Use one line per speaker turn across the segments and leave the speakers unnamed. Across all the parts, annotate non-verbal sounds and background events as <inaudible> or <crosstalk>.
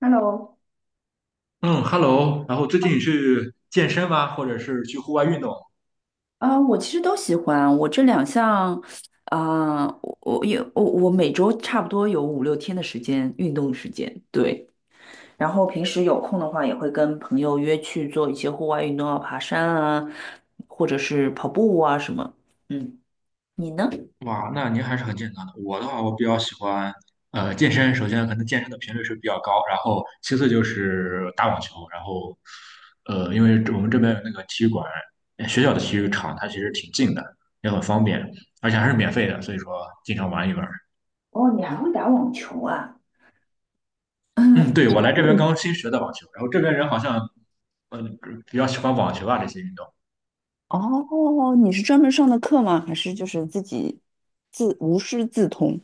Hello。
嗯，Hello，然后最近去健身吗？或者是去户外运动？
我其实都喜欢。我这两项。我也我每周差不多有五六天的时间运动时间，对。然后平时有空的话，也会跟朋友约去做一些户外运动啊，爬山啊，或者是跑步啊什么。嗯，你呢？
哇，那您还是很健康的。我的话，我比较喜欢健身。首先可能健身的频率是比较高，然后其次就是打网球，然后因为这我们这边有那个体育馆，学校的体育场它其实挺近的，也很方便，而且还是免费的，所以说经常玩一玩。
哦，你还会打网球啊？
嗯，对，
<laughs>
我来这边刚新学的网球，然后这边人好像比较喜欢网球啊这些运动。
哦，你是专门上的课吗？还是就是自己自无师自通？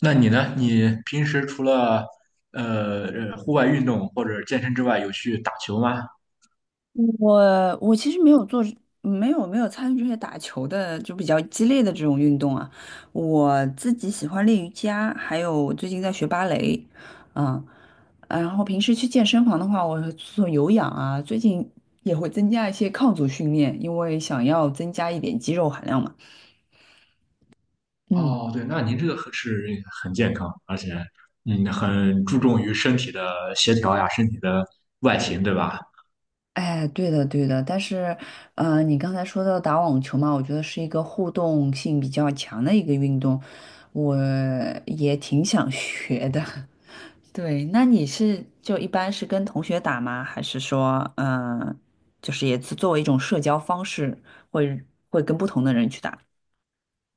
那你呢？你平时除了户外运动或者健身之外，有去打球吗？
我其实没有做，没有没有参与这些打球的，就比较激烈的这种运动啊。我自己喜欢练瑜伽，还有最近在学芭蕾。嗯。然后平时去健身房的话，我会做有氧啊，最近也会增加一些抗阻训练，因为想要增加一点肌肉含量嘛。嗯。
哦，对，那您这个很健康，而且很注重于身体的协调呀，身体的外形，对吧？
哎，对的，对的，但是，你刚才说到打网球嘛，我觉得是一个互动性比较强的一个运动，我也挺想学的。<laughs> 对，那你是就一般是跟同学打吗？还是说，就是也是作为一种社交方式，会会跟不同的人去打？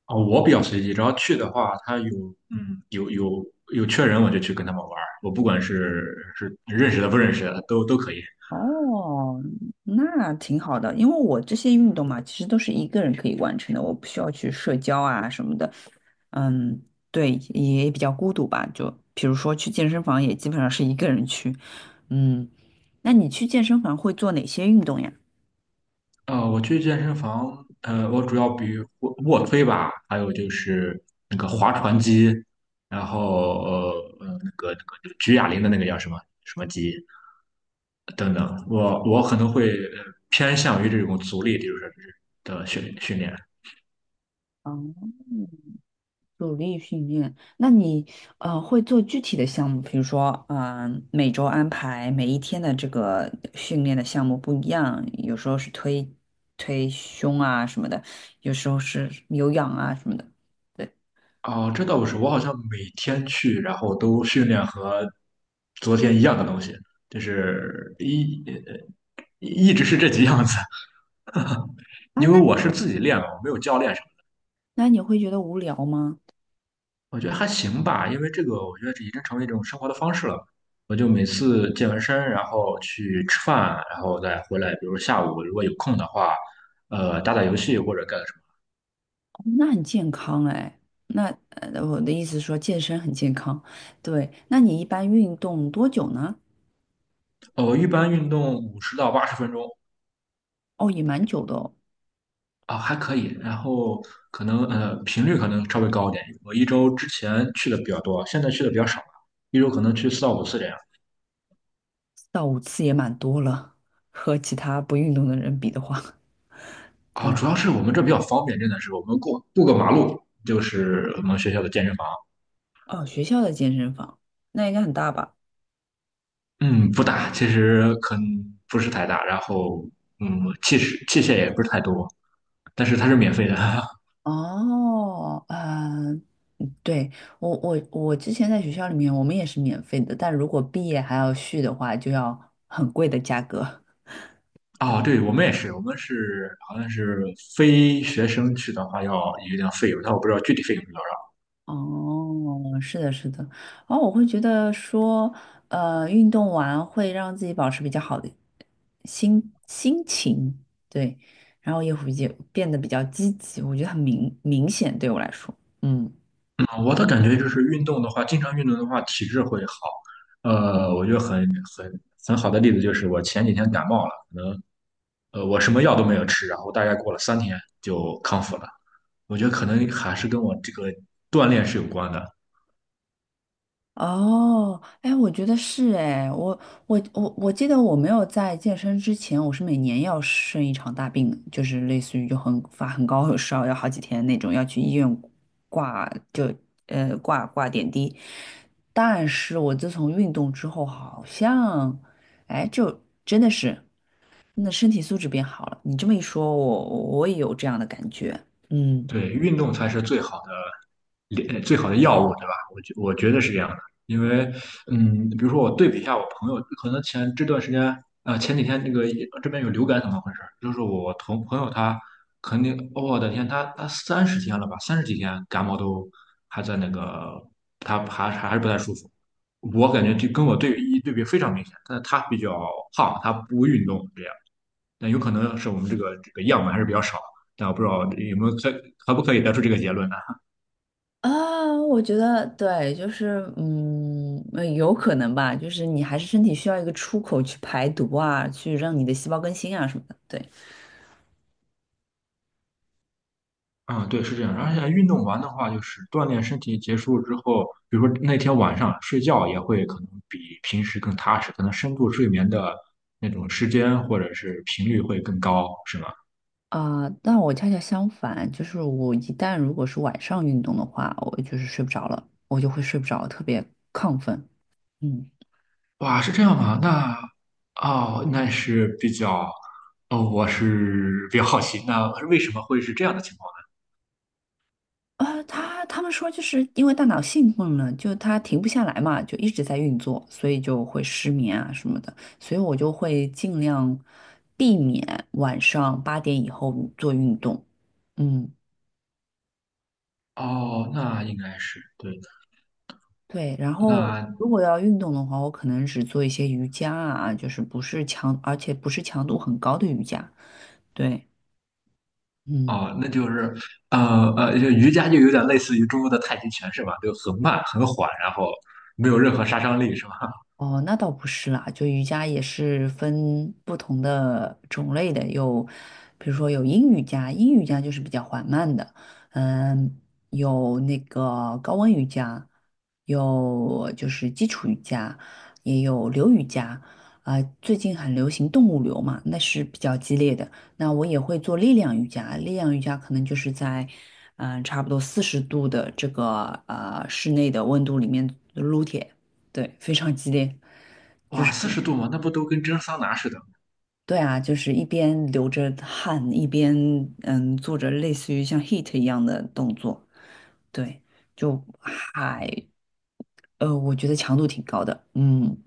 哦，我比较随机，只要去的话，他有嗯有有有缺人，我就去跟他们玩儿，我不管是认识的不认识的，都可以。
哦，那挺好的，因为我这些运动嘛，其实都是一个人可以完成的，我不需要去社交啊什么的。嗯。对，也比较孤独吧。就比如说去健身房，也基本上是一个人去。嗯。那你去健身房会做哪些运动呀？
我去健身房，我主要比卧推吧，还有就是那个划船机，然后那个那个举哑铃的那个叫什么什么机等等，我可能会偏向于这种阻力，就是的训练。
嗯。努力训练，那你会做具体的项目，比如说每周安排每一天的这个训练的项目不一样，有时候是推胸啊什么的，有时候是有氧啊什么的。对
哦，这倒不是，我好像每天去，然后都训练和昨天一样的东西，就是一直是这几样子，
啊，
因为
那
我是自己练的，我没有教练。
那你会觉得无聊吗？
我觉得还行吧，因为这个我觉得这已经成为一种生活的方式了。我就每次健完身，然后去吃饭，然后再回来，比如下午如果有空的话，打打游戏或者干什么
哦，那很健康哎。那呃，我的意思是说健身很健康，对。那你一般运动多久呢？
的。我一般运动50到80分钟。
哦，也蛮久的哦。
啊，还可以。然后可能频率可能稍微高一点，我一周之前去的比较多，现在去的比较少了，一周可能去4到5次这样。
4到5次也蛮多了，和其他不运动的人比的话，<laughs>
啊，
对。
主要是我们这比较方便，真的是我们过个马路就是我们学校的健身房。
哦，学校的健身房，那应该很大吧？
嗯，不大，其实可能不是太大，然后嗯，器械也不是太多，但是它是免费的。<laughs>
哦，嗯、对，我之前在学校里面，我们也是免费的，但如果毕业还要续的话，就要很贵的价格。<laughs>
哦，对，我们也是，我们是好像是非学生去的话要有一定费用，但我不知道具体费用是多
哦，是的，是的。然后我会觉得说，呃，运动完会让自己保持比较好的心情，对，然后也会变得比较积极，我觉得很明显对我来说。嗯。
少。嗯，我的感觉就是运动的话，经常运动的话，体质会好。我觉得很很好的例子就是我前几天感冒了，我什么药都没有吃，然后大概过了3天就康复了。我觉得可能还是跟我这个锻炼是有关的。
哦，哎，我觉得是哎，我记得我没有在健身之前，我是每年要生一场大病的，就是类似于就很发很高的烧，要好几天那种，要去医院挂就挂点滴。但是我自从运动之后，好像哎，就真的是那身体素质变好了。你这么一说，我我也有这样的感觉。嗯。
对，运动才是最好的药物，对吧？我觉得是这样的，因为嗯，比如说我对比一下我朋友，可能这段时间前几天那个这边有流感，怎么回事？就是我同朋友他肯定，我的天，他30天了吧，30几天感冒都还在那个，他还是不太舒服。我感觉就跟我对比一对比非常明显，但是他比较胖，他不运动，这样。但有可能是我们这个样本还是比较少，但我不知道有没有可可不可以得出这个结论呢？
啊，我觉得对，就是嗯，有可能吧，就是你还是身体需要一个出口去排毒啊，去让你的细胞更新啊什么的。对
啊，对，是这样。而且运动完的话，就是锻炼身体结束之后，比如说那天晚上睡觉也会可能比平时更踏实，可能深度睡眠的那种时间或者是频率会更高，是吗？
啊，但我恰恰相反，就是我一旦如果是晚上运动的话，我就是睡不着了，我就会睡不着，特别亢奋。嗯。
哇，是这样吗？那哦，那是比较，哦，我是比较好奇，那为什么会是这样的情况
他们说就是因为大脑兴奋了，就它停不下来嘛，就一直在运作，所以就会失眠啊什么的。所以我就会尽量避免晚上8点以后做运动。嗯，
呢？哦，那应该是对的。
对。然后
那
如果要运动的话，我可能只做一些瑜伽啊，就是不是强，而且不是强度很高的瑜伽。对。嗯。
哦，那就是，就瑜伽就有点类似于中国的太极拳是吧？就很慢很缓，然后没有任何杀伤力是吧？
哦，那倒不是啦，就瑜伽也是分不同的种类的，有，比如说有阴瑜伽，阴瑜伽就是比较缓慢的，嗯，有那个高温瑜伽，有就是基础瑜伽，也有流瑜伽，啊、最近很流行动物流嘛，那是比较激烈的。那我也会做力量瑜伽，力量瑜伽可能就是在，差不多40度的这个室内的温度里面撸铁。对，非常激烈，
<laughs>
就
哇，
是
40度嘛，那不都跟蒸桑拿似的吗？
对啊，就是一边流着汗，一边做着类似于像 HIAT 一样的动作，对，就还我觉得强度挺高的。嗯。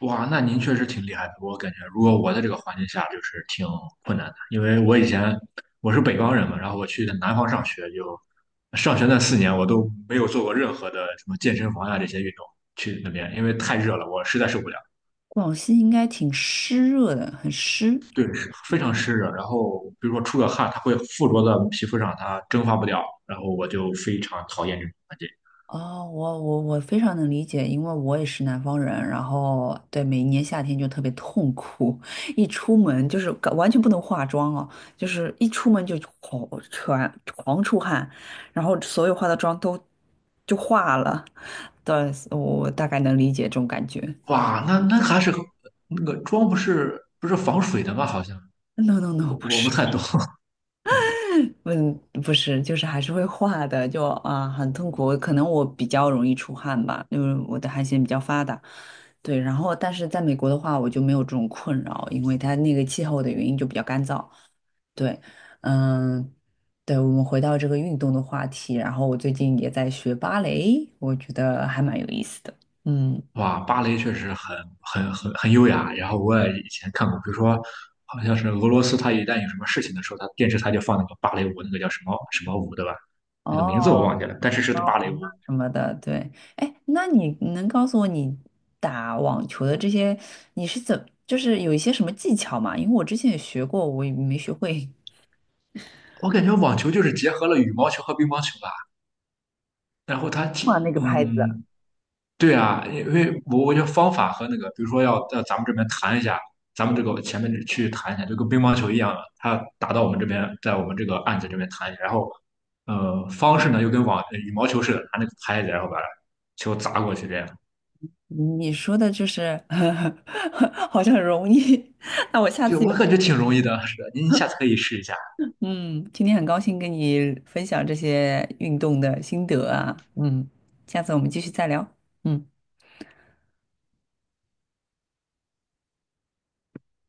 哇，那您确实挺厉害的。我感觉如果我在这个环境下，就是挺困难的，因为我以前我是北方人嘛，然后我去的南方上学就，上学那4年我都没有做过任何的什么健身房呀、这些运动，去那边因为太热了，我实在受不了。
广西应该挺湿热的，很湿。
对，是非常湿热。然后比如说出个汗，它会附着在皮肤上，它蒸发不掉。然后我就非常讨厌这种环境。
哦，我我我非常能理解，因为我也是南方人，然后对每一年夏天就特别痛苦，<laughs> 一出门就是搞完全不能化妆哦，就是一出门就狂全狂出汗，然后所有化的妆都就化了。对，我我大概能理解这种感觉。
哇，那那还是那个妆不是防水的吗？好像
No no no,
我
不
我不太
是。
懂。<laughs>
嗯，不是，就是还是会化的，就啊很痛苦。可能我比较容易出汗吧，因为我的汗腺比较发达。对，然后但是在美国的话，我就没有这种困扰，因为它那个气候的原因就比较干燥。对。嗯。对，我们回到这个运动的话题，然后我最近也在学芭蕾，我觉得还蛮有意思的。嗯。
哇，芭蕾确实很优雅。然后我也以前看过，比如说好像是俄罗斯，它一旦有什么事情的时候，它电视台就放那个芭蕾舞，那个叫什么什么舞，对吧？那个
哦，
名字我忘记了，但是是
高
芭蕾
洪啊
舞。
什么的，对。哎，那你能告诉我你打网球的这些，你是怎，就是有一些什么技巧吗？因为我之前也学过，我也没学会
我感觉网球就是结合了羽毛球和乒乓球吧。然后它
<laughs>
挺
画那个拍子。
嗯，对啊，因为我觉得方法和那个，比如说要到咱们这边弹一下，咱们这个前面这去弹一下，就跟乒乓球一样的，它打到我们这边，在我们这个案子这边弹一下，然后方式呢又跟羽毛球似的，拿那个拍子，然后把球砸过去这样。
你说的就是 <laughs> 好像很容易，<laughs> 那我下
对，
次有。
我感觉挺容易的，是的，您下次可以试一下。
嗯，今天很高兴跟你分享这些运动的心得啊，嗯，下次我们继续再聊。嗯。